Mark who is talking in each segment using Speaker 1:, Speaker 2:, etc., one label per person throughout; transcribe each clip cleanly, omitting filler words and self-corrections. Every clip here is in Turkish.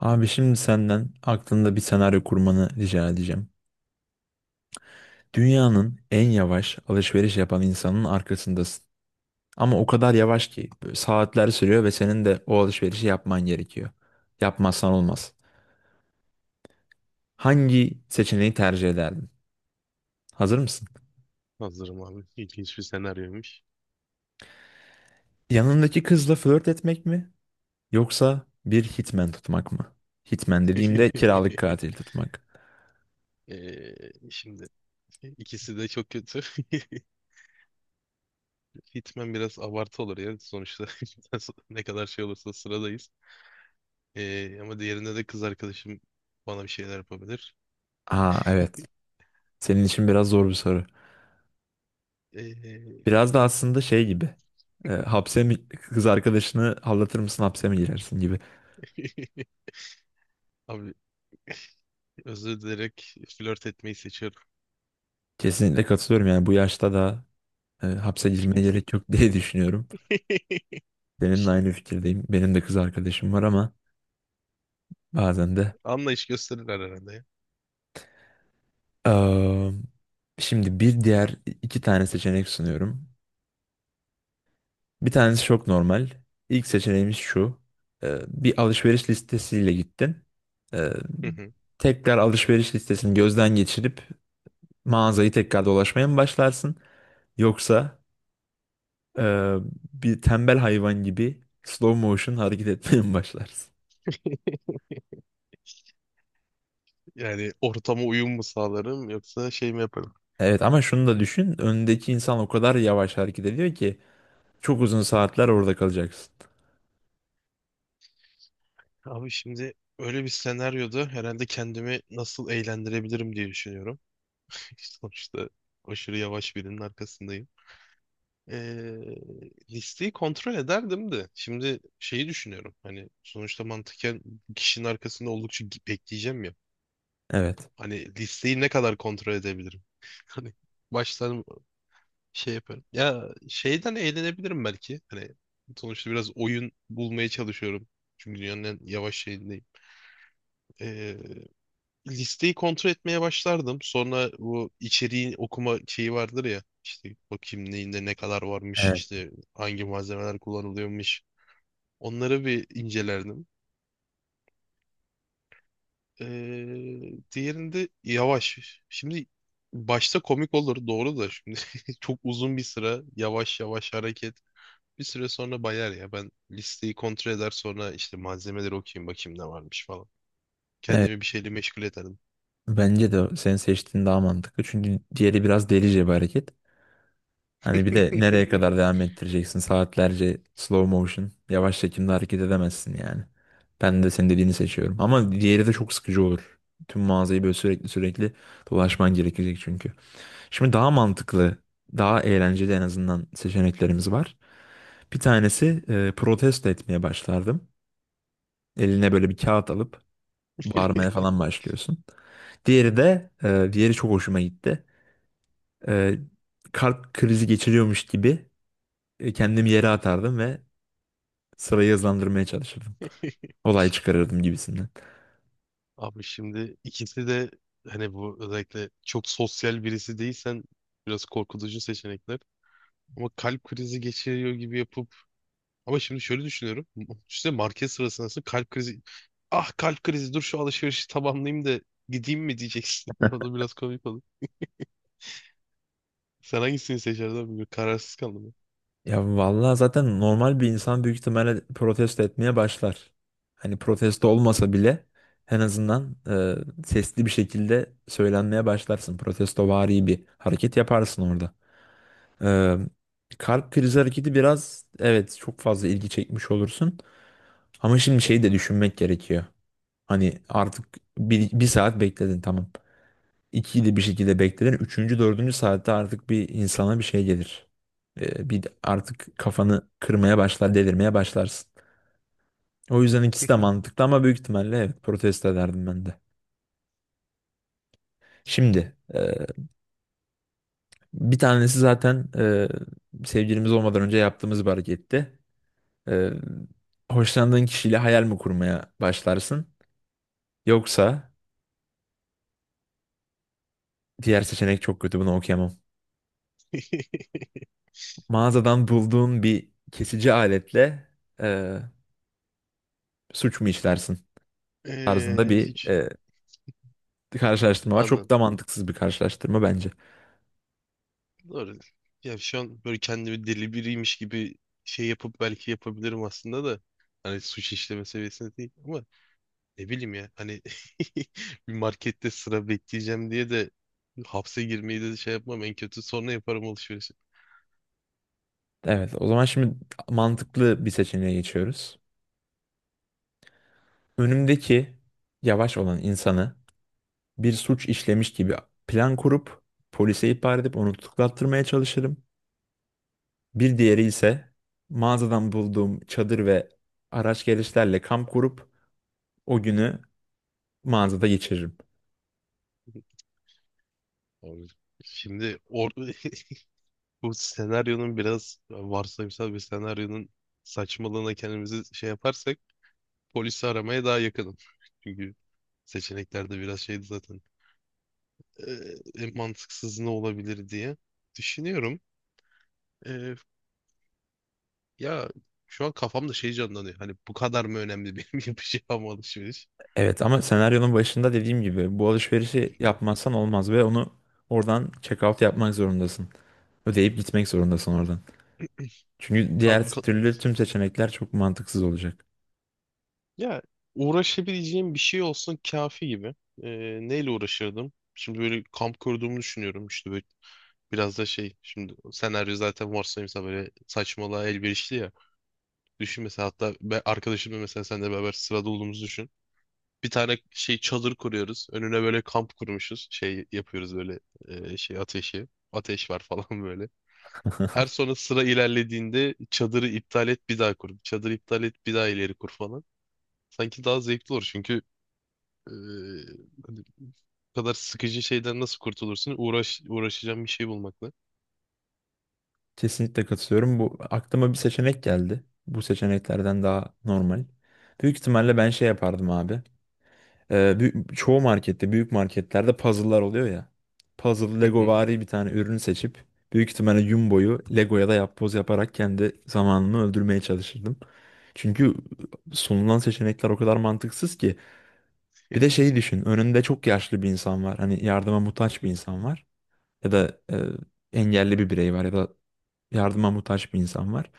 Speaker 1: Abi şimdi senden aklında bir senaryo kurmanı rica edeceğim. Dünyanın en yavaş alışveriş yapan insanın arkasındasın. Ama o kadar yavaş ki böyle saatler sürüyor ve senin de o alışverişi yapman gerekiyor. Yapmazsan olmaz. Hangi seçeneği tercih ederdin? Hazır mısın?
Speaker 2: Hazırım abi. İlginç bir senaryoymuş.
Speaker 1: Yanındaki kızla flört etmek mi? Yoksa bir hitman tutmak mı? Hitman dediğimde kiralık katil tutmak.
Speaker 2: Şimdi ikisi de çok kötü. Hitman biraz abartı olur ya. Sonuçta ne kadar şey olursa sıradayız. Ama diğerinde de kız arkadaşım bana bir şeyler yapabilir.
Speaker 1: Aa evet. Senin için biraz zor bir soru.
Speaker 2: Ee,
Speaker 1: Biraz da aslında şey gibi. Hapse mi kız arkadaşını aldatır mısın hapse mi girersin gibi.
Speaker 2: Abi özür dileyerek flört etmeyi seçiyorum.
Speaker 1: Kesinlikle katılıyorum yani bu yaşta da hapse girmeye gerek yok diye düşünüyorum. Seninle aynı fikirdeyim. Benim de kız arkadaşım var ama bazen de.
Speaker 2: Anlayış gösterirler herhalde ya.
Speaker 1: Eee, Şimdi bir diğer iki tane seçenek sunuyorum. Bir tanesi çok normal. İlk seçeneğimiz şu. Bir alışveriş listesiyle gittin. E,
Speaker 2: Hı hı.
Speaker 1: Tekrar alışveriş listesini gözden geçirip mağazayı tekrar dolaşmaya mı başlarsın? Yoksa e, bir tembel hayvan gibi slow motion hareket etmeye mi başlarsın?
Speaker 2: Yani ortama uyum mu sağlarım yoksa şey mi yaparım?
Speaker 1: Evet ama şunu da düşün. Öndeki insan o kadar yavaş hareket ediyor ki çok uzun saatler orada kalacaksın.
Speaker 2: Abi şimdi öyle bir senaryoda herhalde kendimi nasıl eğlendirebilirim diye düşünüyorum. Sonuçta aşırı yavaş birinin arkasındayım. Ee, Listeyi kontrol ederdim de. Şimdi şeyi düşünüyorum. Hani sonuçta mantıken kişinin arkasında oldukça bekleyeceğim ya.
Speaker 1: Evet.
Speaker 2: Hani listeyi ne kadar kontrol edebilirim? Hani baştan şey yaparım. Ya şeyden eğlenebilirim belki. Hani sonuçta biraz oyun bulmaya çalışıyorum. Çünkü dünyanın en yavaş şeyindeyim. Ee, Listeyi kontrol etmeye başlardım. Sonra bu içeriğin okuma şeyi vardır ya. İşte bakayım neyinde ne kadar varmış,
Speaker 1: Evet.
Speaker 2: işte hangi malzemeler kullanılıyormuş. Onları bir incelerdim. Ee, Diğerinde yavaş. Şimdi başta komik olur doğru da şimdi çok uzun bir sıra yavaş yavaş hareket. Bir süre sonra bayar ya. Ben listeyi kontrol eder sonra işte malzemeleri okuyayım bakayım ne varmış falan.
Speaker 1: Evet.
Speaker 2: Kendimi bir şeyle meşgul ederdim.
Speaker 1: Bence de senin seçtiğin daha mantıklı. Çünkü diğeri biraz delice bir hareket. Hani bir de nereye kadar devam ettireceksin? Saatlerce slow motion, yavaş çekimde hareket edemezsin yani. Ben de senin dediğini seçiyorum. Ama diğeri de çok sıkıcı olur. Tüm mağazayı böyle sürekli dolaşman gerekecek çünkü. Şimdi daha mantıklı, daha eğlenceli en azından seçeneklerimiz var. Bir tanesi protesto etmeye başlardım. Eline böyle bir kağıt alıp bağırmaya falan başlıyorsun. Diğeri de, diğeri çok hoşuma gitti. E, Kalp krizi geçiriyormuş gibi kendimi yere atardım ve sırayı hızlandırmaya çalışırdım. Olay çıkarırdım gibisinden.
Speaker 2: Abi şimdi ikisi de hani bu özellikle çok sosyal birisi değilsen biraz korkutucu seçenekler. Ama kalp krizi geçiriyor gibi yapıp ama şimdi şöyle düşünüyorum. İşte market sırasında nasıl kalp krizi ah kalp krizi dur şu alışverişi tamamlayayım da gideyim mi diyeceksin. O da biraz komik olur. Sen hangisini seçerdin abi? Bir kararsız kaldım.
Speaker 1: Ya vallahi zaten normal bir insan büyük ihtimalle protesto etmeye başlar. Hani protesto olmasa bile en azından sesli bir şekilde söylenmeye başlarsın. Protestovari bir hareket yaparsın orada. E, Kalp krizi hareketi biraz evet çok fazla ilgi çekmiş olursun. Ama şimdi şeyi de düşünmek gerekiyor. Hani artık bir saat bekledin tamam. İkiyi de bir şekilde bekledin. Üçüncü, dördüncü saatte artık bir insana bir şey gelir. Bir artık kafanı kırmaya başlar, delirmeye başlarsın. O yüzden ikisi de mantıklı ama büyük ihtimalle evet protesto ederdim ben de. Şimdi bir tanesi zaten sevgilimiz olmadan önce yaptığımız bir hareketti. E, Hoşlandığın kişiyle hayal mi kurmaya başlarsın? Yoksa diğer seçenek çok kötü bunu okuyamam.
Speaker 2: Ben.
Speaker 1: Mağazadan bulduğun bir kesici aletle e, suç mu işlersin tarzında bir
Speaker 2: Hiç
Speaker 1: karşılaştırma var. Çok
Speaker 2: anladım.
Speaker 1: da mantıksız bir karşılaştırma bence.
Speaker 2: Doğru. Ya şu an böyle kendimi deli biriymiş gibi şey yapıp belki yapabilirim aslında da. Hani suç işleme seviyesinde değil. Ama ne bileyim ya hani bir markette sıra bekleyeceğim diye de hapse girmeyi de şey yapmam en kötü sonra yaparım alışverişi.
Speaker 1: Evet, o zaman şimdi mantıklı bir seçeneğe geçiyoruz. Önümdeki yavaş olan insanı bir suç işlemiş gibi plan kurup polise ihbar edip onu tutuklattırmaya çalışırım. Bir diğeri ise mağazadan bulduğum çadır ve araç gereçlerle kamp kurup o günü mağazada geçiririm.
Speaker 2: Abi, şimdi bu senaryonun biraz varsayımsal bir senaryonun saçmalığına kendimizi şey yaparsak polisi aramaya daha yakınım. Çünkü seçeneklerde biraz şeydi zaten. Ee, En mantıksız ne olabilir diye düşünüyorum. Ya şu an kafamda şey canlanıyor. Hani bu kadar mı önemli benim yapacağım alışveriş?
Speaker 1: Evet ama senaryonun başında dediğim gibi bu alışverişi
Speaker 2: Tamam.
Speaker 1: yapmazsan olmaz ve onu oradan check out yapmak zorundasın. Ödeyip gitmek zorundasın oradan. Çünkü
Speaker 2: Abi
Speaker 1: diğer
Speaker 2: ka-
Speaker 1: türlü tüm seçenekler çok mantıksız olacak.
Speaker 2: Ya uğraşabileceğim bir şey olsun kafi gibi. Ee, Neyle uğraşırdım? Şimdi böyle kamp kurduğumu düşünüyorum. İşte böyle biraz da şey. Şimdi senaryo zaten varsayımsa böyle saçmalığa elverişli ya. Düşün mesela hatta ben arkadaşımla mesela seninle beraber sırada olduğumuzu düşün. Bir tane şey çadır kuruyoruz. Önüne böyle kamp kurmuşuz. Şey yapıyoruz böyle şey ateşi. Ateş var falan böyle. Her sonra sıra ilerlediğinde çadırı iptal et bir daha kur. Çadırı iptal et bir daha ileri kur falan. Sanki daha zevkli olur çünkü eee, hani bu kadar sıkıcı şeyden nasıl kurtulursun? Uğraşacağım bir şey bulmakla.
Speaker 1: Kesinlikle katılıyorum. Bu aklıma bir seçenek geldi. Bu seçeneklerden daha normal. Büyük ihtimalle ben şey yapardım abi. Çoğu markette, büyük marketlerde puzzle'lar oluyor ya. Puzzle
Speaker 2: Hı hı.
Speaker 1: Legovari bir tane ürünü seçip büyük ihtimalle Jumbo'yu Lego'ya da yapboz yaparak kendi zamanımı öldürmeye çalışırdım. Çünkü sunulan seçenekler o kadar mantıksız ki. Bir de şeyi düşün. Önünde çok yaşlı bir insan var. Hani yardıma muhtaç bir insan var. Ya da engelli bir birey var ya da yardıma muhtaç bir insan var.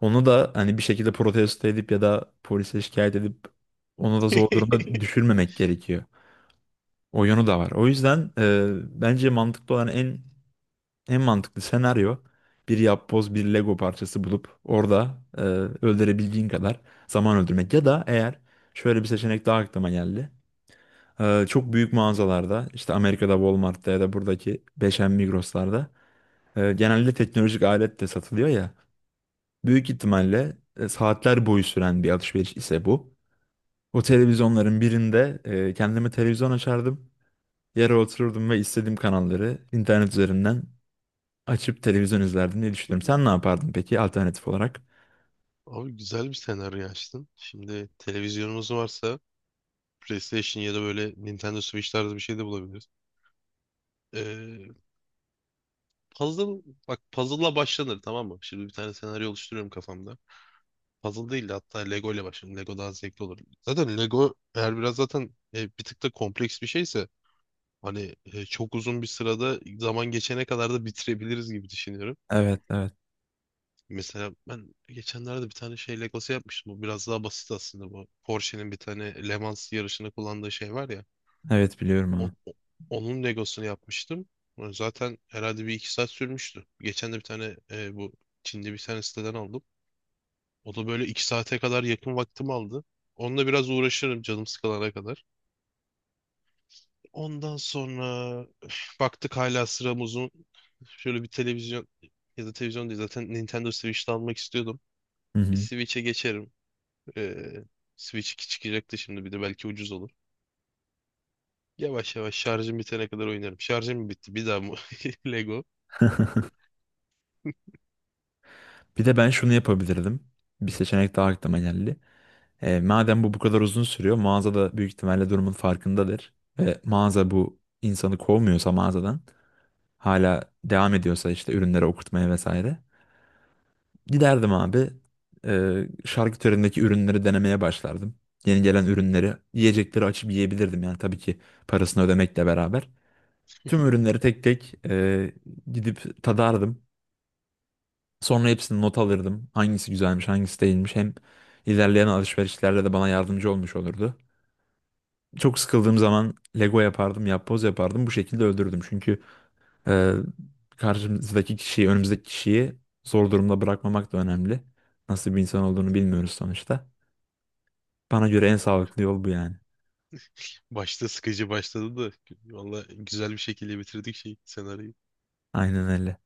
Speaker 1: Onu da hani bir şekilde protesto edip ya da polise şikayet edip onu da zor durumda düşürmemek gerekiyor. O yönü de var. O yüzden bence mantıklı olan en mantıklı senaryo bir yapboz bir Lego parçası bulup orada öldürebildiğin kadar zaman öldürmek. Ya da eğer şöyle bir seçenek daha aklıma geldi. Çok büyük mağazalarda işte Amerika'da Walmart'ta ya da buradaki 5M Migros'larda genelde teknolojik alet de satılıyor ya. Büyük ihtimalle saatler boyu süren bir alışveriş ise bu. O televizyonların birinde kendime televizyon açardım. Yere otururdum ve istediğim kanalları internet üzerinden açıp televizyon izlerdim diye düşünüyorum. Sen ne yapardın peki alternatif olarak?
Speaker 2: Abi güzel bir senaryo açtın. Şimdi televizyonumuz varsa PlayStation ya da böyle Nintendo Switch tarzı bir şey de bulabiliriz. Ee, Puzzle, bak puzzle'la başlanır tamam mı? Şimdi bir tane senaryo oluşturuyorum kafamda. Puzzle değil de hatta Lego ile başlayalım. Lego daha zevkli olur. Zaten Lego eğer biraz zaten bir tık da kompleks bir şeyse hani çok uzun bir sırada zaman geçene kadar da bitirebiliriz gibi düşünüyorum.
Speaker 1: Evet, evet.
Speaker 2: Mesela ben geçenlerde bir tane şey Legosu yapmıştım. Bu biraz daha basit aslında bu. Porsche'nin bir tane Le Mans yarışında kullandığı şey var ya.
Speaker 1: Evet biliyorum
Speaker 2: o-
Speaker 1: onu.
Speaker 2: o- Onun Legosunu yapmıştım. Zaten herhalde bir 2 saat sürmüştü. Geçen de bir tane bu Çin'de bir tane siteden aldım. O da böyle 2 saate kadar yakın vaktimi aldı. Onunla biraz uğraşırım canım sıkılana kadar. Ondan sonra üf, baktık hala sıram uzun. Şöyle bir televizyon ya da televizyon değil zaten Nintendo Switch'te almak istiyordum.
Speaker 1: Hı
Speaker 2: Bir
Speaker 1: hı.
Speaker 2: Switch'e geçerim. Ee, Switch 2 çıkacaktı şimdi bir de belki ucuz olur. Yavaş yavaş şarjım bitene kadar oynarım. Şarjım mı bitti? Bir daha mı? Lego.
Speaker 1: Bir de ben şunu yapabilirdim. Bir seçenek daha aklıma geldi. Madem bu kadar uzun sürüyor, mağaza da büyük ihtimalle durumun farkındadır. Ve mağaza bu insanı kovmuyorsa mağazadan hala devam ediyorsa işte ürünleri okurtmaya vesaire. Giderdim abi şarküterindeki ürünleri denemeye başlardım. Yeni gelen ürünleri, yiyecekleri açıp yiyebilirdim yani tabii ki parasını ödemekle beraber. Tüm ürünleri tek tek gidip tadardım. Sonra hepsini not alırdım. Hangisi güzelmiş, hangisi değilmiş. Hem ilerleyen alışverişlerde de bana yardımcı olmuş olurdu. Çok sıkıldığım zaman Lego yapardım, yapboz yapardım. Bu şekilde öldürdüm. Çünkü Ee, karşımızdaki kişiyi, önümüzdeki kişiyi zor durumda bırakmamak da önemli. Nasıl bir insan olduğunu bilmiyoruz sonuçta. Bana göre en sağlıklı yol bu yani.
Speaker 2: Başta sıkıcı başladı da valla güzel bir şekilde bitirdik şey senaryoyu.
Speaker 1: Aynen öyle.